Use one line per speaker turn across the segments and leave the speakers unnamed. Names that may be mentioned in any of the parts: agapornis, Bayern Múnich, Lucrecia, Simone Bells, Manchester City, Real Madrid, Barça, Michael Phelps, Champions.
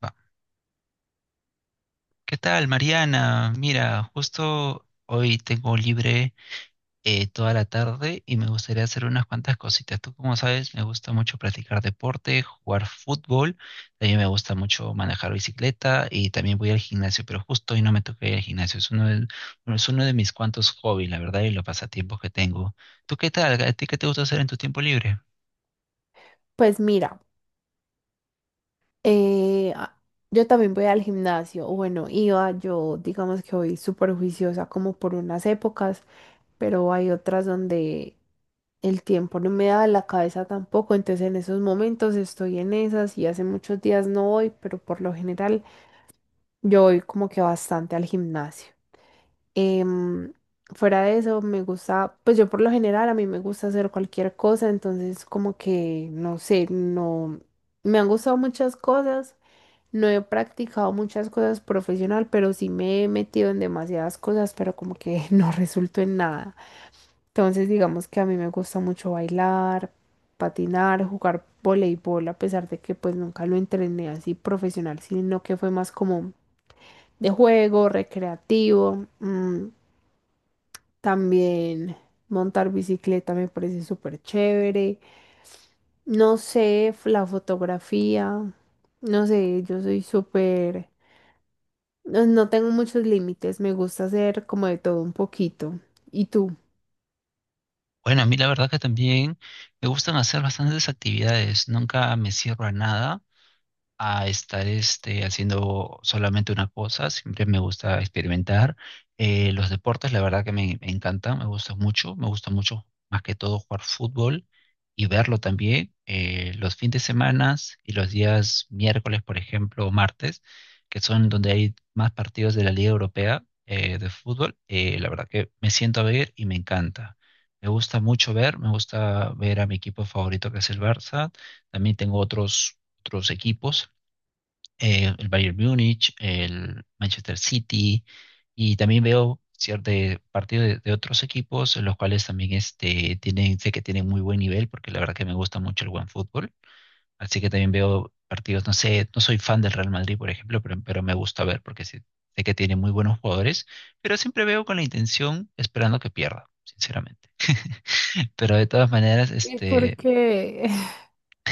Va. ¿Qué tal, Mariana? Mira, justo hoy tengo libre toda la tarde y me gustaría hacer unas cuantas cositas. Tú, como sabes, me gusta mucho practicar deporte, jugar fútbol, también me gusta mucho manejar bicicleta y también voy al gimnasio, pero justo hoy no me toca ir al gimnasio. Es uno de, bueno, es uno de mis cuantos hobbies, la verdad, y los pasatiempos que tengo. ¿Tú qué tal? ¿A ti qué te gusta hacer en tu tiempo libre?
Pues mira, eh, a- yo también voy al gimnasio, o bueno, iba, yo digamos que voy súper juiciosa como por unas épocas, pero hay otras donde el tiempo no me da la cabeza tampoco, entonces en esos momentos estoy en esas y hace muchos días no voy, pero por lo general yo voy como que bastante al gimnasio. Em, Fuera de eso, me gusta, pues yo por lo general a mí me gusta hacer cualquier cosa, entonces como que, no sé, no, me han gustado muchas cosas. No he practicado muchas cosas profesional, pero sí me he metido en demasiadas cosas, pero como que no resultó en nada. Entonces, digamos que a mí me gusta mucho bailar, patinar, jugar voleibol, a pesar de que pues nunca lo entrené así profesional, sino que fue más como de juego, recreativo. También montar bicicleta me parece súper chévere. No sé, la fotografía, no sé, yo soy súper. No tengo muchos límites, me gusta hacer como de todo un poquito. ¿Y tú?
Bueno, a mí la verdad que también me gustan hacer bastantes actividades, nunca me cierro a nada, a estar haciendo solamente una cosa. Siempre me gusta experimentar. Los deportes, la verdad que me encantan, me gustan mucho. Me gusta mucho, más que todo, jugar fútbol y verlo también. Los fines de semana y los días miércoles, por ejemplo, o martes, que son donde hay más partidos de la Liga Europea de fútbol, la verdad que me siento a ver y me encanta. Me gusta mucho ver, me gusta ver a mi equipo favorito que es el Barça. También tengo otros equipos el Bayern Múnich, el Manchester City, y también veo ciertos partidos de otros equipos, los cuales también tienen, sé que tienen muy buen nivel, porque la verdad que me gusta mucho el buen fútbol, así que también veo partidos, no sé, no soy fan del Real Madrid, por ejemplo, pero me gusta ver, porque sé que tiene muy buenos jugadores, pero siempre veo con la intención, esperando que pierda, sinceramente. Pero de todas maneras,
¿Y por qué?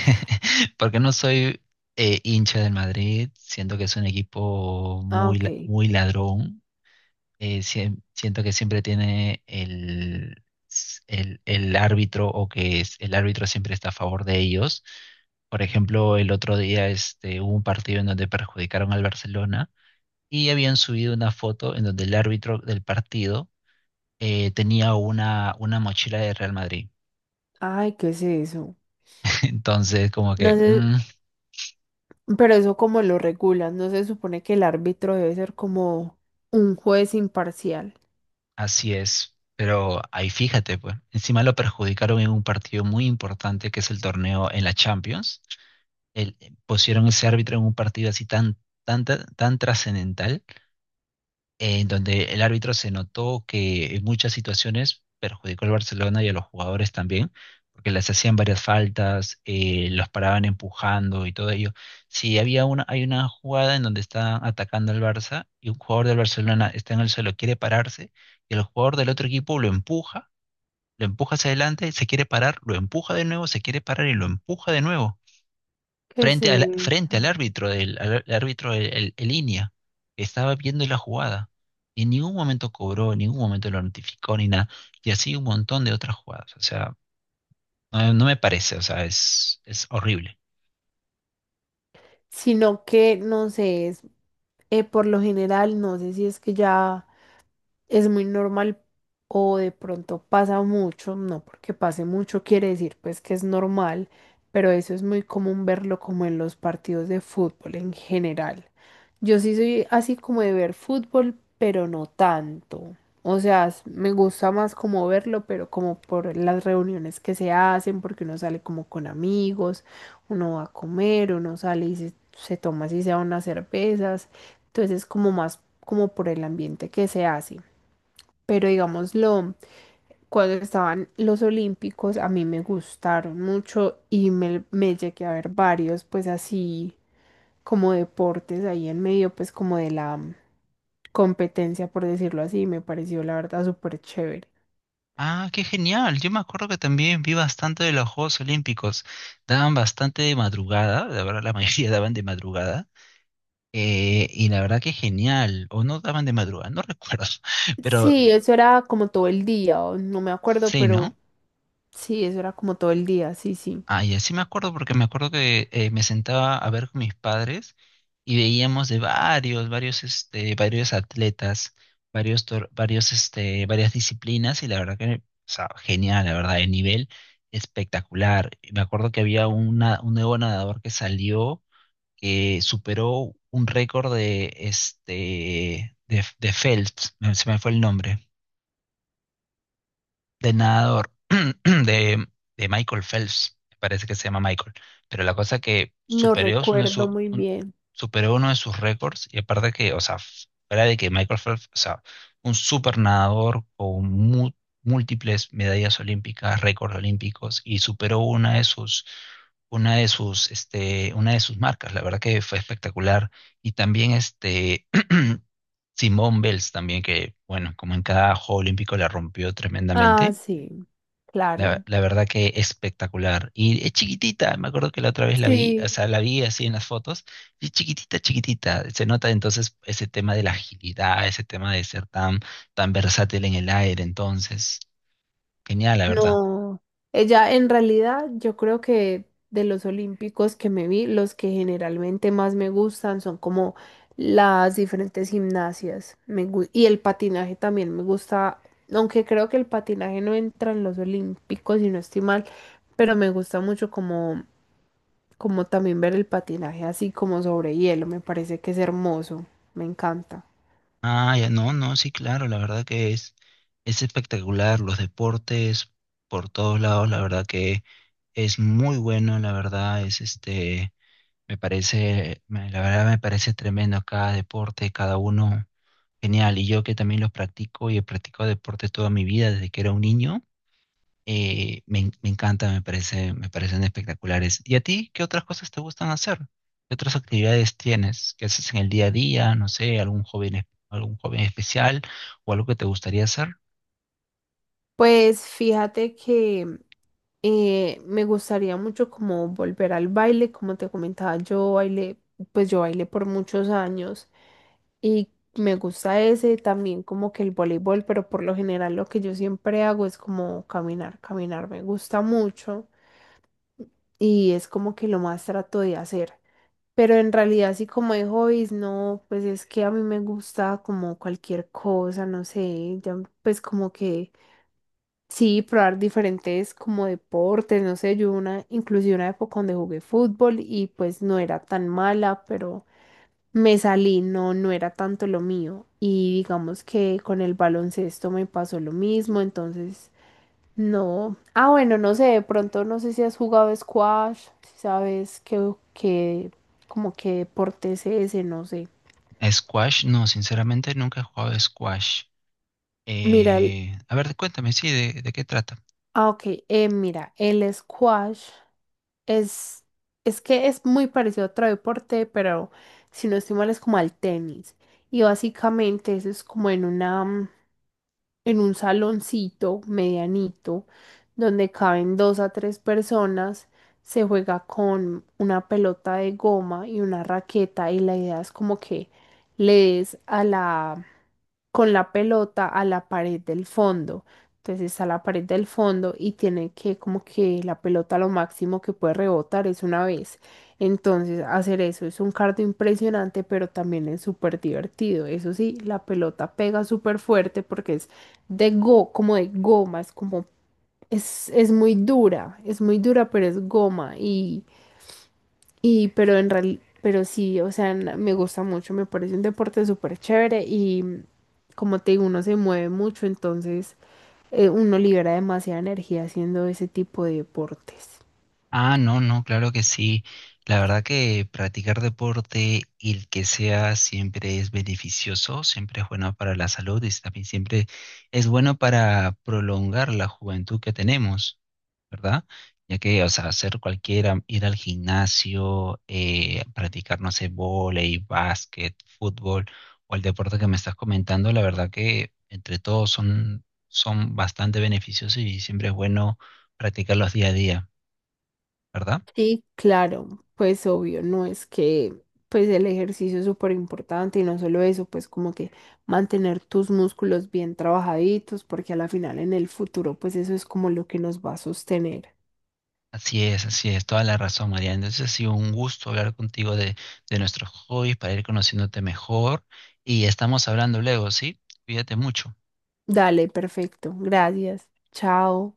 Porque no soy hincha del Madrid, siento que es un equipo
Ah,
muy,
ok.
muy ladrón, siento que siempre tiene el árbitro o que es, el árbitro siempre está a favor de ellos. Por ejemplo, el otro día hubo un partido en donde perjudicaron al Barcelona y habían subido una foto en donde el árbitro del partido tenía una mochila de Real Madrid.
Ay, ¿qué es eso?
Entonces, como que
No sé, pero eso como lo regulas, ¿no se supone que el árbitro debe ser como un juez imparcial?
así es, pero ahí fíjate, pues, encima lo perjudicaron en un partido muy importante que es el torneo en la Champions. Pusieron ese árbitro en un partido así tan trascendental en donde el árbitro se notó que en muchas situaciones perjudicó al Barcelona y a los jugadores también, porque les hacían varias faltas, los paraban empujando y todo ello. Si había una, hay una jugada en donde están atacando al Barça y un jugador del Barcelona está en el suelo, quiere pararse, y el jugador del otro equipo lo empuja hacia adelante, se quiere parar, lo empuja de nuevo, se quiere parar y lo empuja de nuevo
¿Qué es
frente al
eso?
árbitro, árbitro el línea, que estaba viendo la jugada. Y en ningún momento cobró, en ningún momento lo notificó ni nada. Y así un montón de otras jugadas. O sea, no me parece, o sea, es horrible.
Sino que, no sé, es, por lo general, no sé si es que ya... es muy normal o de pronto pasa mucho, no porque pase mucho quiere decir pues que es normal, pero eso es muy común verlo como en los partidos de fútbol en general. Yo sí soy así como de ver fútbol, pero no tanto. O sea, me gusta más como verlo, pero como por las reuniones que se hacen, porque uno sale como con amigos, uno va a comer, uno sale y se toma así sea unas cervezas. Entonces es como más como por el ambiente que se hace. Pero digámoslo, cuando estaban los Olímpicos, a mí me gustaron mucho y me llegué a ver varios, pues así como deportes ahí en medio, pues como de la competencia, por decirlo así, me pareció la verdad súper chévere.
Ah, qué genial. Yo me acuerdo que también vi bastante de los Juegos Olímpicos. Daban bastante de madrugada, la verdad la mayoría daban de madrugada. Y la verdad que genial. O no daban de madrugada, no recuerdo. Pero
Sí, eso era como todo el día, o no me acuerdo,
sí,
pero
¿no?
sí, eso era como todo el día, sí, sí.
Ah, y así me acuerdo porque me acuerdo que me sentaba a ver con mis padres y veíamos de varios, varios atletas, varios, tor- varios, este, varias disciplinas y la verdad que, o sea, genial, la verdad, el nivel espectacular. Y me acuerdo que un nuevo nadador que salió que superó un récord de Phelps, se me fue el nombre de nadador de, de Michael Phelps, me parece que se llama Michael, pero la cosa que
No recuerdo muy bien.
superó uno de sus récords y aparte que, o sea, fuera de que Michael Phelps, o sea, un super nadador con múltiples medallas olímpicas, récords olímpicos y superó una de sus marcas, la verdad que fue espectacular y también este Simone Bells también que bueno, como en cada juego olímpico la rompió
Ah,
tremendamente
sí, claro.
la verdad que espectacular. Y es chiquitita, me acuerdo que la otra vez la vi, o
Sí.
sea, la vi así en las fotos, y es chiquitita, chiquitita. Se nota entonces ese tema de la agilidad, ese tema de ser tan versátil en el aire, entonces. Genial, la verdad.
No, ella en realidad yo creo que de los olímpicos que me vi, los que generalmente más me gustan son como las diferentes gimnasias. Y el patinaje también me gusta, aunque creo que el patinaje no entra en los olímpicos y no estoy mal, pero me gusta mucho como, como también ver el patinaje así como sobre hielo, me parece que es hermoso, me encanta.
Ah, ya, no, no, sí, claro, la verdad que es espectacular. Los deportes por todos lados, la verdad que es muy bueno, la verdad, es me parece, la verdad me parece tremendo cada deporte, cada uno. Genial, y yo que también los practico y he practicado deportes toda mi vida desde que era un niño, me encanta, me parece, me parecen espectaculares. ¿Y a ti qué otras cosas te gustan hacer? ¿Qué otras actividades tienes? ¿Qué haces en el día a día? No sé, algún joven, algún joven especial o algo que te gustaría hacer.
Pues fíjate que me gustaría mucho como volver al baile, como te comentaba, yo bailé, pues yo bailé por muchos años y me gusta ese también como que el voleibol, pero por lo general lo que yo siempre hago es como caminar, caminar me gusta mucho y es como que lo más trato de hacer. Pero en realidad así como de hobbies, no, pues es que a mí me gusta como cualquier cosa, no sé, ya, pues como que sí, probar diferentes como deportes, no sé, yo una, inclusive una época donde jugué fútbol y pues no era tan mala, pero me salí, no, no era tanto lo mío. Y digamos que con el baloncesto me pasó lo mismo, entonces no. Ah, bueno, no sé, de pronto no sé si has jugado squash, si sabes qué, qué, como qué deporte es ese, no sé.
Squash, no, sinceramente nunca he jugado squash.
Mira, el,
A ver, cuéntame, sí, de qué trata.
ah, ok, mira, el squash. Es, es que es muy parecido a otro deporte, pero si no estoy mal es como al tenis. Y básicamente eso es como en una, en un saloncito medianito donde caben dos a tres personas. Se juega con una pelota de goma y una raqueta y la idea es como que le des a la, con la pelota a la pared del fondo. Entonces a la pared del fondo y tiene que como que la pelota lo máximo que puede rebotar es una vez. Entonces hacer eso es un cardio impresionante, pero también es súper divertido. Eso sí, la pelota pega súper fuerte porque es de go, como de gomas, como es muy dura, pero es goma. Y pero en realidad, pero sí, o sea, me gusta mucho, me parece un deporte súper chévere y como te digo, uno se mueve mucho, entonces uno libera demasiada energía haciendo ese tipo de deportes.
Ah, no, no, claro que sí. La verdad que practicar deporte, y el que sea, siempre es beneficioso, siempre es bueno para la salud y también siempre es bueno para prolongar la juventud que tenemos, ¿verdad? Ya que, o sea, hacer cualquiera, ir al gimnasio, practicar, no sé, vóley, básquet, fútbol o el deporte que me estás comentando, la verdad que entre todos son bastante beneficiosos y siempre es bueno practicarlos día a día, ¿verdad?
Sí, claro, pues obvio, no es que pues el ejercicio es súper importante y no solo eso, pues como que mantener tus músculos bien trabajaditos, porque a la final en el futuro pues eso es como lo que nos va a sostener.
Así es, toda la razón, María. Entonces ha sido un gusto hablar contigo de nuestros hobbies para ir conociéndote mejor y estamos hablando luego, ¿sí? Cuídate mucho.
Dale, perfecto, gracias, chao.